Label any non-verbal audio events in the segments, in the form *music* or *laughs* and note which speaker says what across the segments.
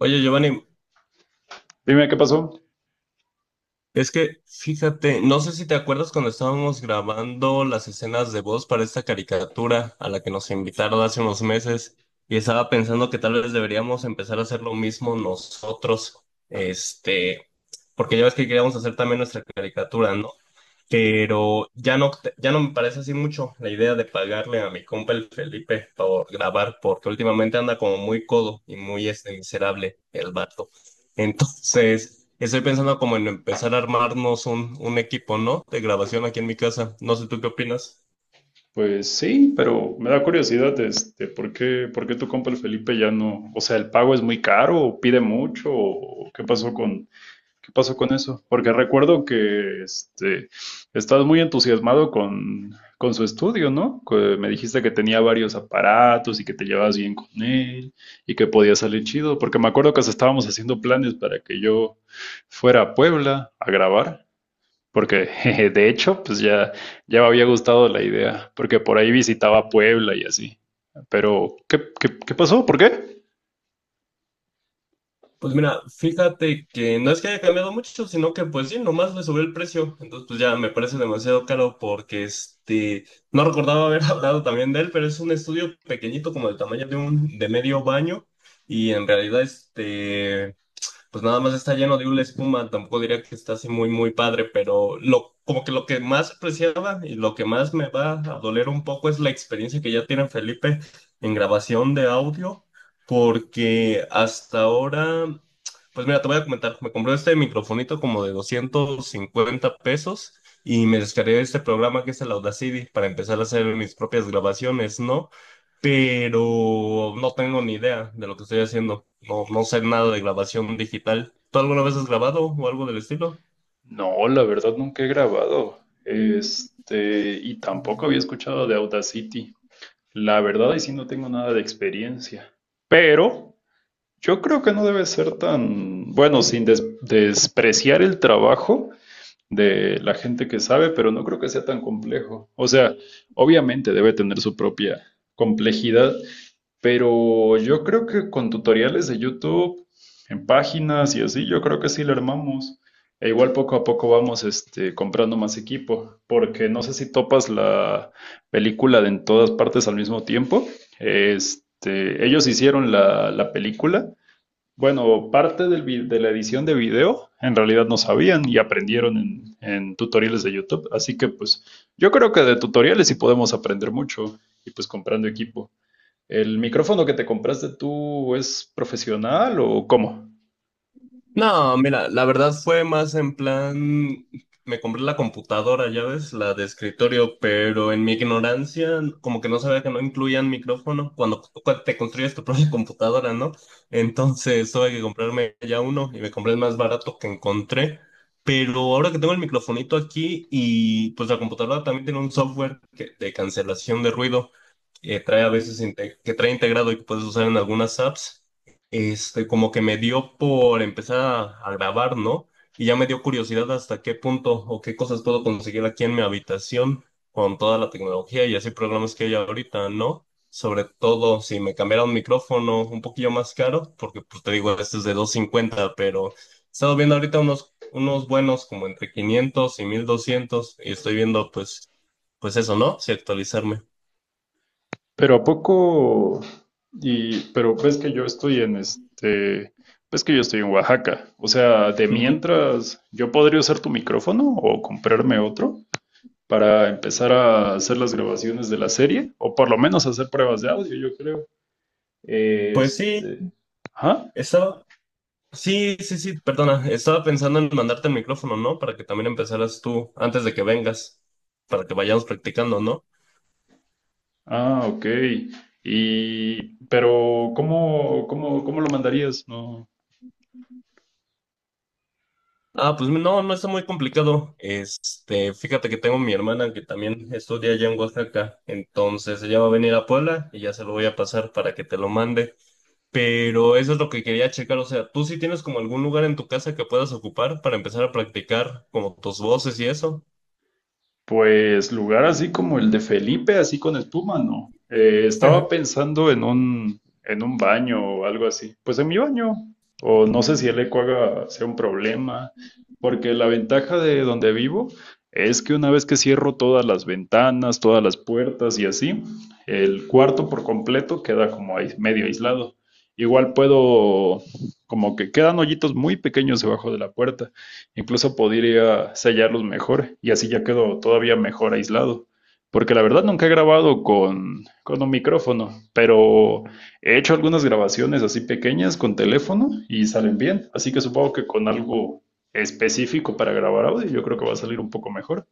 Speaker 1: Oye, Giovanni,
Speaker 2: Dime qué pasó.
Speaker 1: es que fíjate, no sé si te acuerdas cuando estábamos grabando las escenas de voz para esta caricatura a la que nos invitaron hace unos meses y estaba pensando que tal vez deberíamos empezar a hacer lo mismo nosotros, este, porque ya ves que queríamos hacer también nuestra caricatura, ¿no? Pero ya no, ya no me parece así mucho la idea de pagarle a mi compa el Felipe por grabar, porque últimamente anda como muy codo y muy miserable el vato. Entonces, estoy pensando como en empezar a armarnos un equipo, ¿no? De grabación aquí en mi casa. No sé tú qué opinas.
Speaker 2: Pues sí, pero me da curiosidad, ¿por qué tu compa el Felipe ya no? O sea, ¿el pago es muy caro o pide mucho? ¿O qué pasó qué pasó con eso? Porque recuerdo que estás muy entusiasmado con su estudio, ¿no? Que me dijiste que tenía varios aparatos y que te llevabas bien con él y que podía salir chido, porque me acuerdo que hasta estábamos haciendo planes para que yo fuera a Puebla a grabar. Porque jeje, de hecho, ya me había gustado la idea, porque por ahí visitaba Puebla y así. Pero, ¿qué pasó? ¿Por qué?
Speaker 1: Pues mira, fíjate que no es que haya cambiado mucho, sino que pues sí, nomás le subió el precio. Entonces pues ya me parece demasiado caro porque no recordaba haber *laughs* hablado también de él, pero es un estudio pequeñito como del tamaño de de medio baño y en realidad pues nada más está lleno de una espuma, tampoco diría que está así muy, muy padre, pero lo, como que lo que más apreciaba y lo que más me va a doler un poco es la experiencia que ya tiene Felipe en grabación de audio, porque hasta ahora, pues mira, te voy a comentar, me compré este microfonito como de 250 pesos. Y me descargué este programa que es el Audacity para empezar a hacer mis propias grabaciones, ¿no? Pero no tengo ni idea de lo que estoy haciendo. No, no sé nada de grabación digital. ¿Tú alguna vez has grabado o algo del estilo?
Speaker 2: No, la verdad nunca he grabado. Y tampoco había escuchado de Audacity. La verdad, ahí sí no tengo nada de experiencia. Pero yo creo que no debe ser tan, bueno, sin despreciar el trabajo de la gente que sabe, pero no creo que sea tan complejo. O sea, obviamente debe tener su propia complejidad, pero yo creo que con tutoriales de YouTube, en páginas y así, yo creo que sí lo armamos. E igual poco a poco vamos comprando más equipo, porque no sé si topas la película de en todas partes al mismo tiempo. Este, ellos hicieron la película, bueno, parte de la edición de video en realidad no sabían y aprendieron en tutoriales de YouTube. Así que pues yo creo que de tutoriales sí podemos aprender mucho y pues comprando equipo. ¿El micrófono que te compraste tú es profesional o cómo?
Speaker 1: No, mira, la verdad fue más en plan, me compré la computadora, ya ves, la de escritorio, pero en mi ignorancia, como que no sabía que no incluían micrófono cuando te construyes tu propia *laughs* computadora, ¿no? Entonces tuve que comprarme ya uno y me compré el más barato que encontré, pero ahora que tengo el microfonito aquí y pues la computadora también tiene un software de cancelación de ruido, que trae a veces que trae integrado y que puedes usar en algunas apps, como que me dio por empezar a grabar, ¿no? Y ya me dio curiosidad hasta qué punto o qué cosas puedo conseguir aquí en mi habitación con toda la tecnología y así programas que hay ahorita, ¿no? Sobre todo si me cambiara un micrófono un poquillo más caro, porque pues te digo, este es de 250 pero he estado viendo ahorita unos buenos como entre 500 y 1,200 y estoy viendo pues, pues eso, ¿no? Si actualizarme.
Speaker 2: Pero a poco y pero ves que yo estoy en ves que yo estoy en Oaxaca. O sea, de
Speaker 1: Ujú.
Speaker 2: mientras yo podría usar tu micrófono o comprarme otro, para empezar a hacer las grabaciones de la serie, o por lo menos hacer pruebas de audio, yo creo.
Speaker 1: Pues sí,
Speaker 2: Este, ajá.
Speaker 1: estaba, sí, sí, sí, perdona, estaba pensando en mandarte el micrófono, ¿no? Para que también empezaras tú antes de que vengas, para que vayamos practicando, ¿no?
Speaker 2: Ah, ok. Y, pero, ¿cómo lo mandarías? No.
Speaker 1: Ah, pues no, no está muy complicado. Fíjate que tengo mi hermana que también estudia allá en Oaxaca, entonces ella va a venir a Puebla y ya se lo voy a pasar para que te lo mande. Pero eso es lo que quería checar, o sea, ¿tú sí tienes como algún lugar en tu casa que puedas ocupar para empezar a practicar como tus voces y eso?
Speaker 2: Pues lugar así como el de Felipe, así con espuma, no. Estaba
Speaker 1: *laughs*
Speaker 2: pensando en en un baño o algo así. Pues en mi baño. O no sé si el eco sea un problema. Porque la ventaja de donde vivo es que una vez que cierro todas las ventanas, todas las puertas y así, el cuarto por completo queda como ahí medio aislado. Igual puedo, como que quedan hoyitos muy pequeños debajo de la puerta. Incluso podría sellarlos mejor y así ya quedo todavía mejor aislado. Porque la verdad nunca he grabado con un micrófono, pero he hecho algunas grabaciones así pequeñas con teléfono y salen bien. Así que supongo que con algo específico para grabar audio yo creo que va a salir un poco mejor.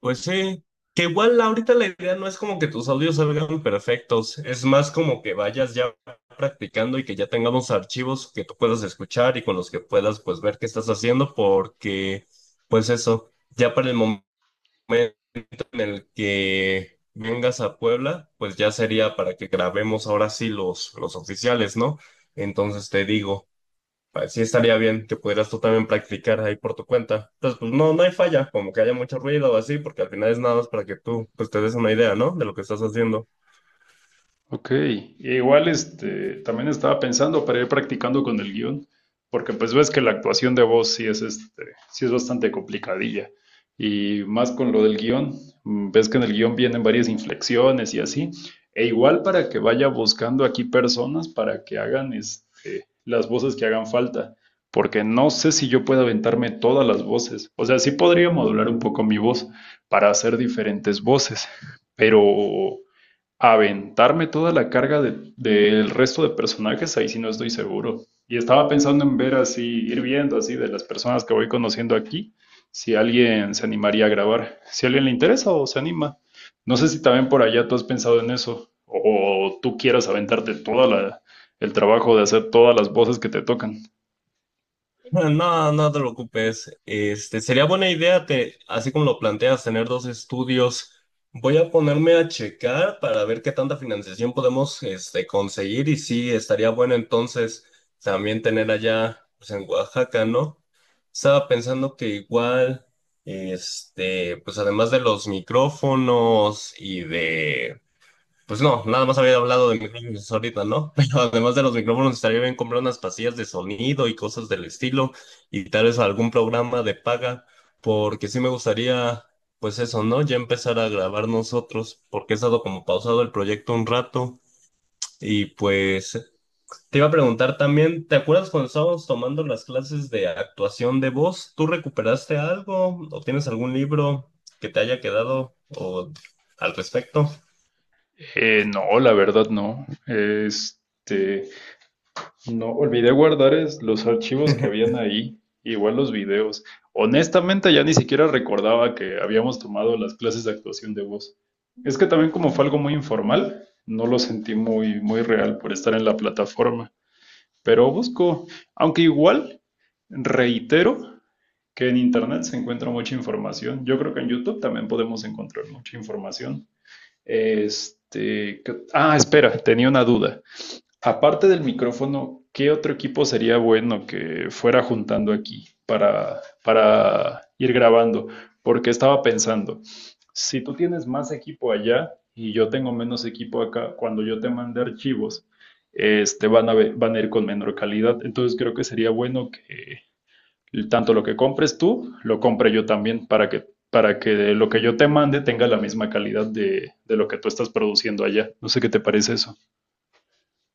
Speaker 1: Pues sí, que igual ahorita la idea no es como que tus audios salgan perfectos, es más como que vayas ya practicando y que ya tengamos archivos que tú puedas escuchar y con los que puedas pues ver qué estás haciendo porque pues eso, ya para el momento en el que vengas a Puebla, pues ya sería para que grabemos ahora sí los oficiales, ¿no? Entonces te digo. Pues sí estaría bien que pudieras tú también practicar ahí por tu cuenta. Entonces, pues no, no hay falla, como que haya mucho ruido o así, porque al final es nada más para que tú pues te des una idea, ¿no? De lo que estás haciendo.
Speaker 2: Ok, igual también estaba pensando para ir practicando con el guión, porque pues ves que la actuación de voz sí sí es bastante complicadilla, y más con lo del guión, mm, ves que en el guión vienen varias inflexiones y así, e igual para que vaya buscando aquí personas para que hagan las voces que hagan falta, porque no sé si yo pueda aventarme todas las voces, o sea, sí podría modular un poco mi voz para hacer diferentes voces, pero aventarme toda la carga del resto de personajes, ahí sí no estoy seguro. Y estaba pensando en ver así, ir viendo así de las personas que voy conociendo aquí, si alguien se animaría a grabar, si a alguien le interesa o se anima. No sé si también por allá tú has pensado en eso, o tú quieras aventarte toda el trabajo de hacer todas las voces que te tocan.
Speaker 1: No, no te preocupes. Sería buena idea, te, así como lo planteas, tener dos estudios. Voy a ponerme a checar para ver qué tanta financiación podemos, conseguir y sí, estaría bueno entonces también tener allá, pues en Oaxaca, ¿no? Estaba pensando que igual, pues además de los micrófonos y de pues no, nada más había hablado de micrófonos ahorita, ¿no? *laughs* Pero además de los micrófonos, estaría bien comprar unas pastillas de sonido y cosas del estilo, y tal vez algún programa de paga, porque sí me gustaría, pues eso, ¿no? Ya empezar a grabar nosotros, porque he estado como pausado el proyecto un rato, y pues te iba a preguntar también, ¿te acuerdas cuando estábamos tomando las clases de actuación de voz? ¿Tú recuperaste algo o tienes algún libro que te haya quedado o al respecto?
Speaker 2: No, la verdad no. Este, no olvidé guardar los archivos que habían ahí, igual los videos. Honestamente, ya ni siquiera recordaba que habíamos tomado las clases de actuación de voz. Es que también como fue algo muy informal, no lo sentí muy, muy real por estar en la plataforma. Pero busco, aunque igual reitero que en internet se encuentra mucha información. Yo creo que en YouTube también podemos encontrar mucha información. Este, ¿qué... ah, espera, tenía una duda. Aparte del micrófono, ¿qué otro equipo sería bueno que fuera juntando aquí para ir grabando? Porque estaba pensando, si tú tienes más equipo allá y yo tengo menos equipo acá, cuando yo te mande archivos, este, van a van a ir con menor calidad. Entonces creo que sería bueno que tanto lo que compres tú, lo compre yo también para que lo que yo te mande tenga la misma calidad de lo que tú estás produciendo allá. No sé qué te parece eso.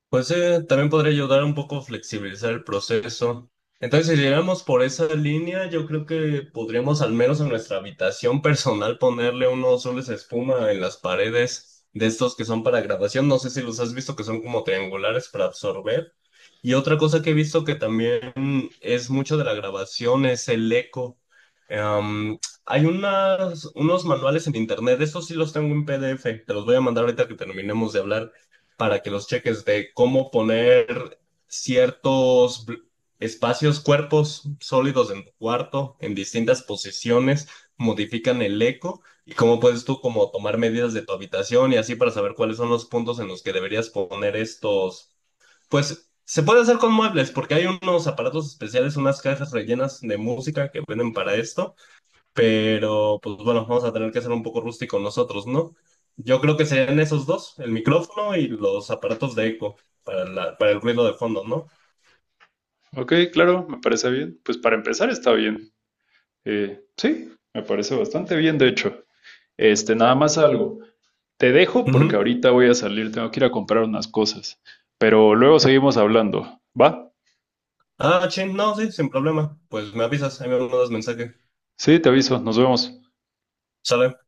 Speaker 1: Pues también podría ayudar un poco a flexibilizar el proceso. Entonces, si llegamos por esa línea, yo creo que podríamos al menos en nuestra habitación personal ponerle unos soles de espuma en las paredes de estos que son para grabación. No sé si los has visto que son como triangulares para absorber. Y otra cosa que he visto que también es mucho de la grabación es el eco. Em, hay unos manuales en internet, estos sí los tengo en PDF, te los voy a mandar ahorita que terminemos de hablar para que los cheques de cómo poner ciertos espacios, cuerpos sólidos en tu cuarto, en distintas posiciones, modifican el eco y cómo puedes tú como tomar medidas de tu habitación y así para saber cuáles son los puntos en los que deberías poner estos, pues se puede hacer con muebles porque hay unos aparatos especiales, unas cajas rellenas de música que venden para esto pero pues bueno, vamos a tener que ser un poco rústicos nosotros, ¿no? Yo creo que serían esos dos, el micrófono y los aparatos de eco para, para el ruido de fondo, ¿no?
Speaker 2: Ok, claro, me parece bien. Pues para empezar está bien. Sí, me parece bastante bien, de hecho. Este, nada más algo. Te dejo porque
Speaker 1: Ujú.
Speaker 2: ahorita voy a salir, tengo que ir a comprar unas cosas. Pero luego seguimos hablando. ¿Va?
Speaker 1: Ah, ching, no, sí, sin problema. Pues me avisas, ahí me mandas mensaje.
Speaker 2: Sí, te aviso, nos vemos.
Speaker 1: Sale.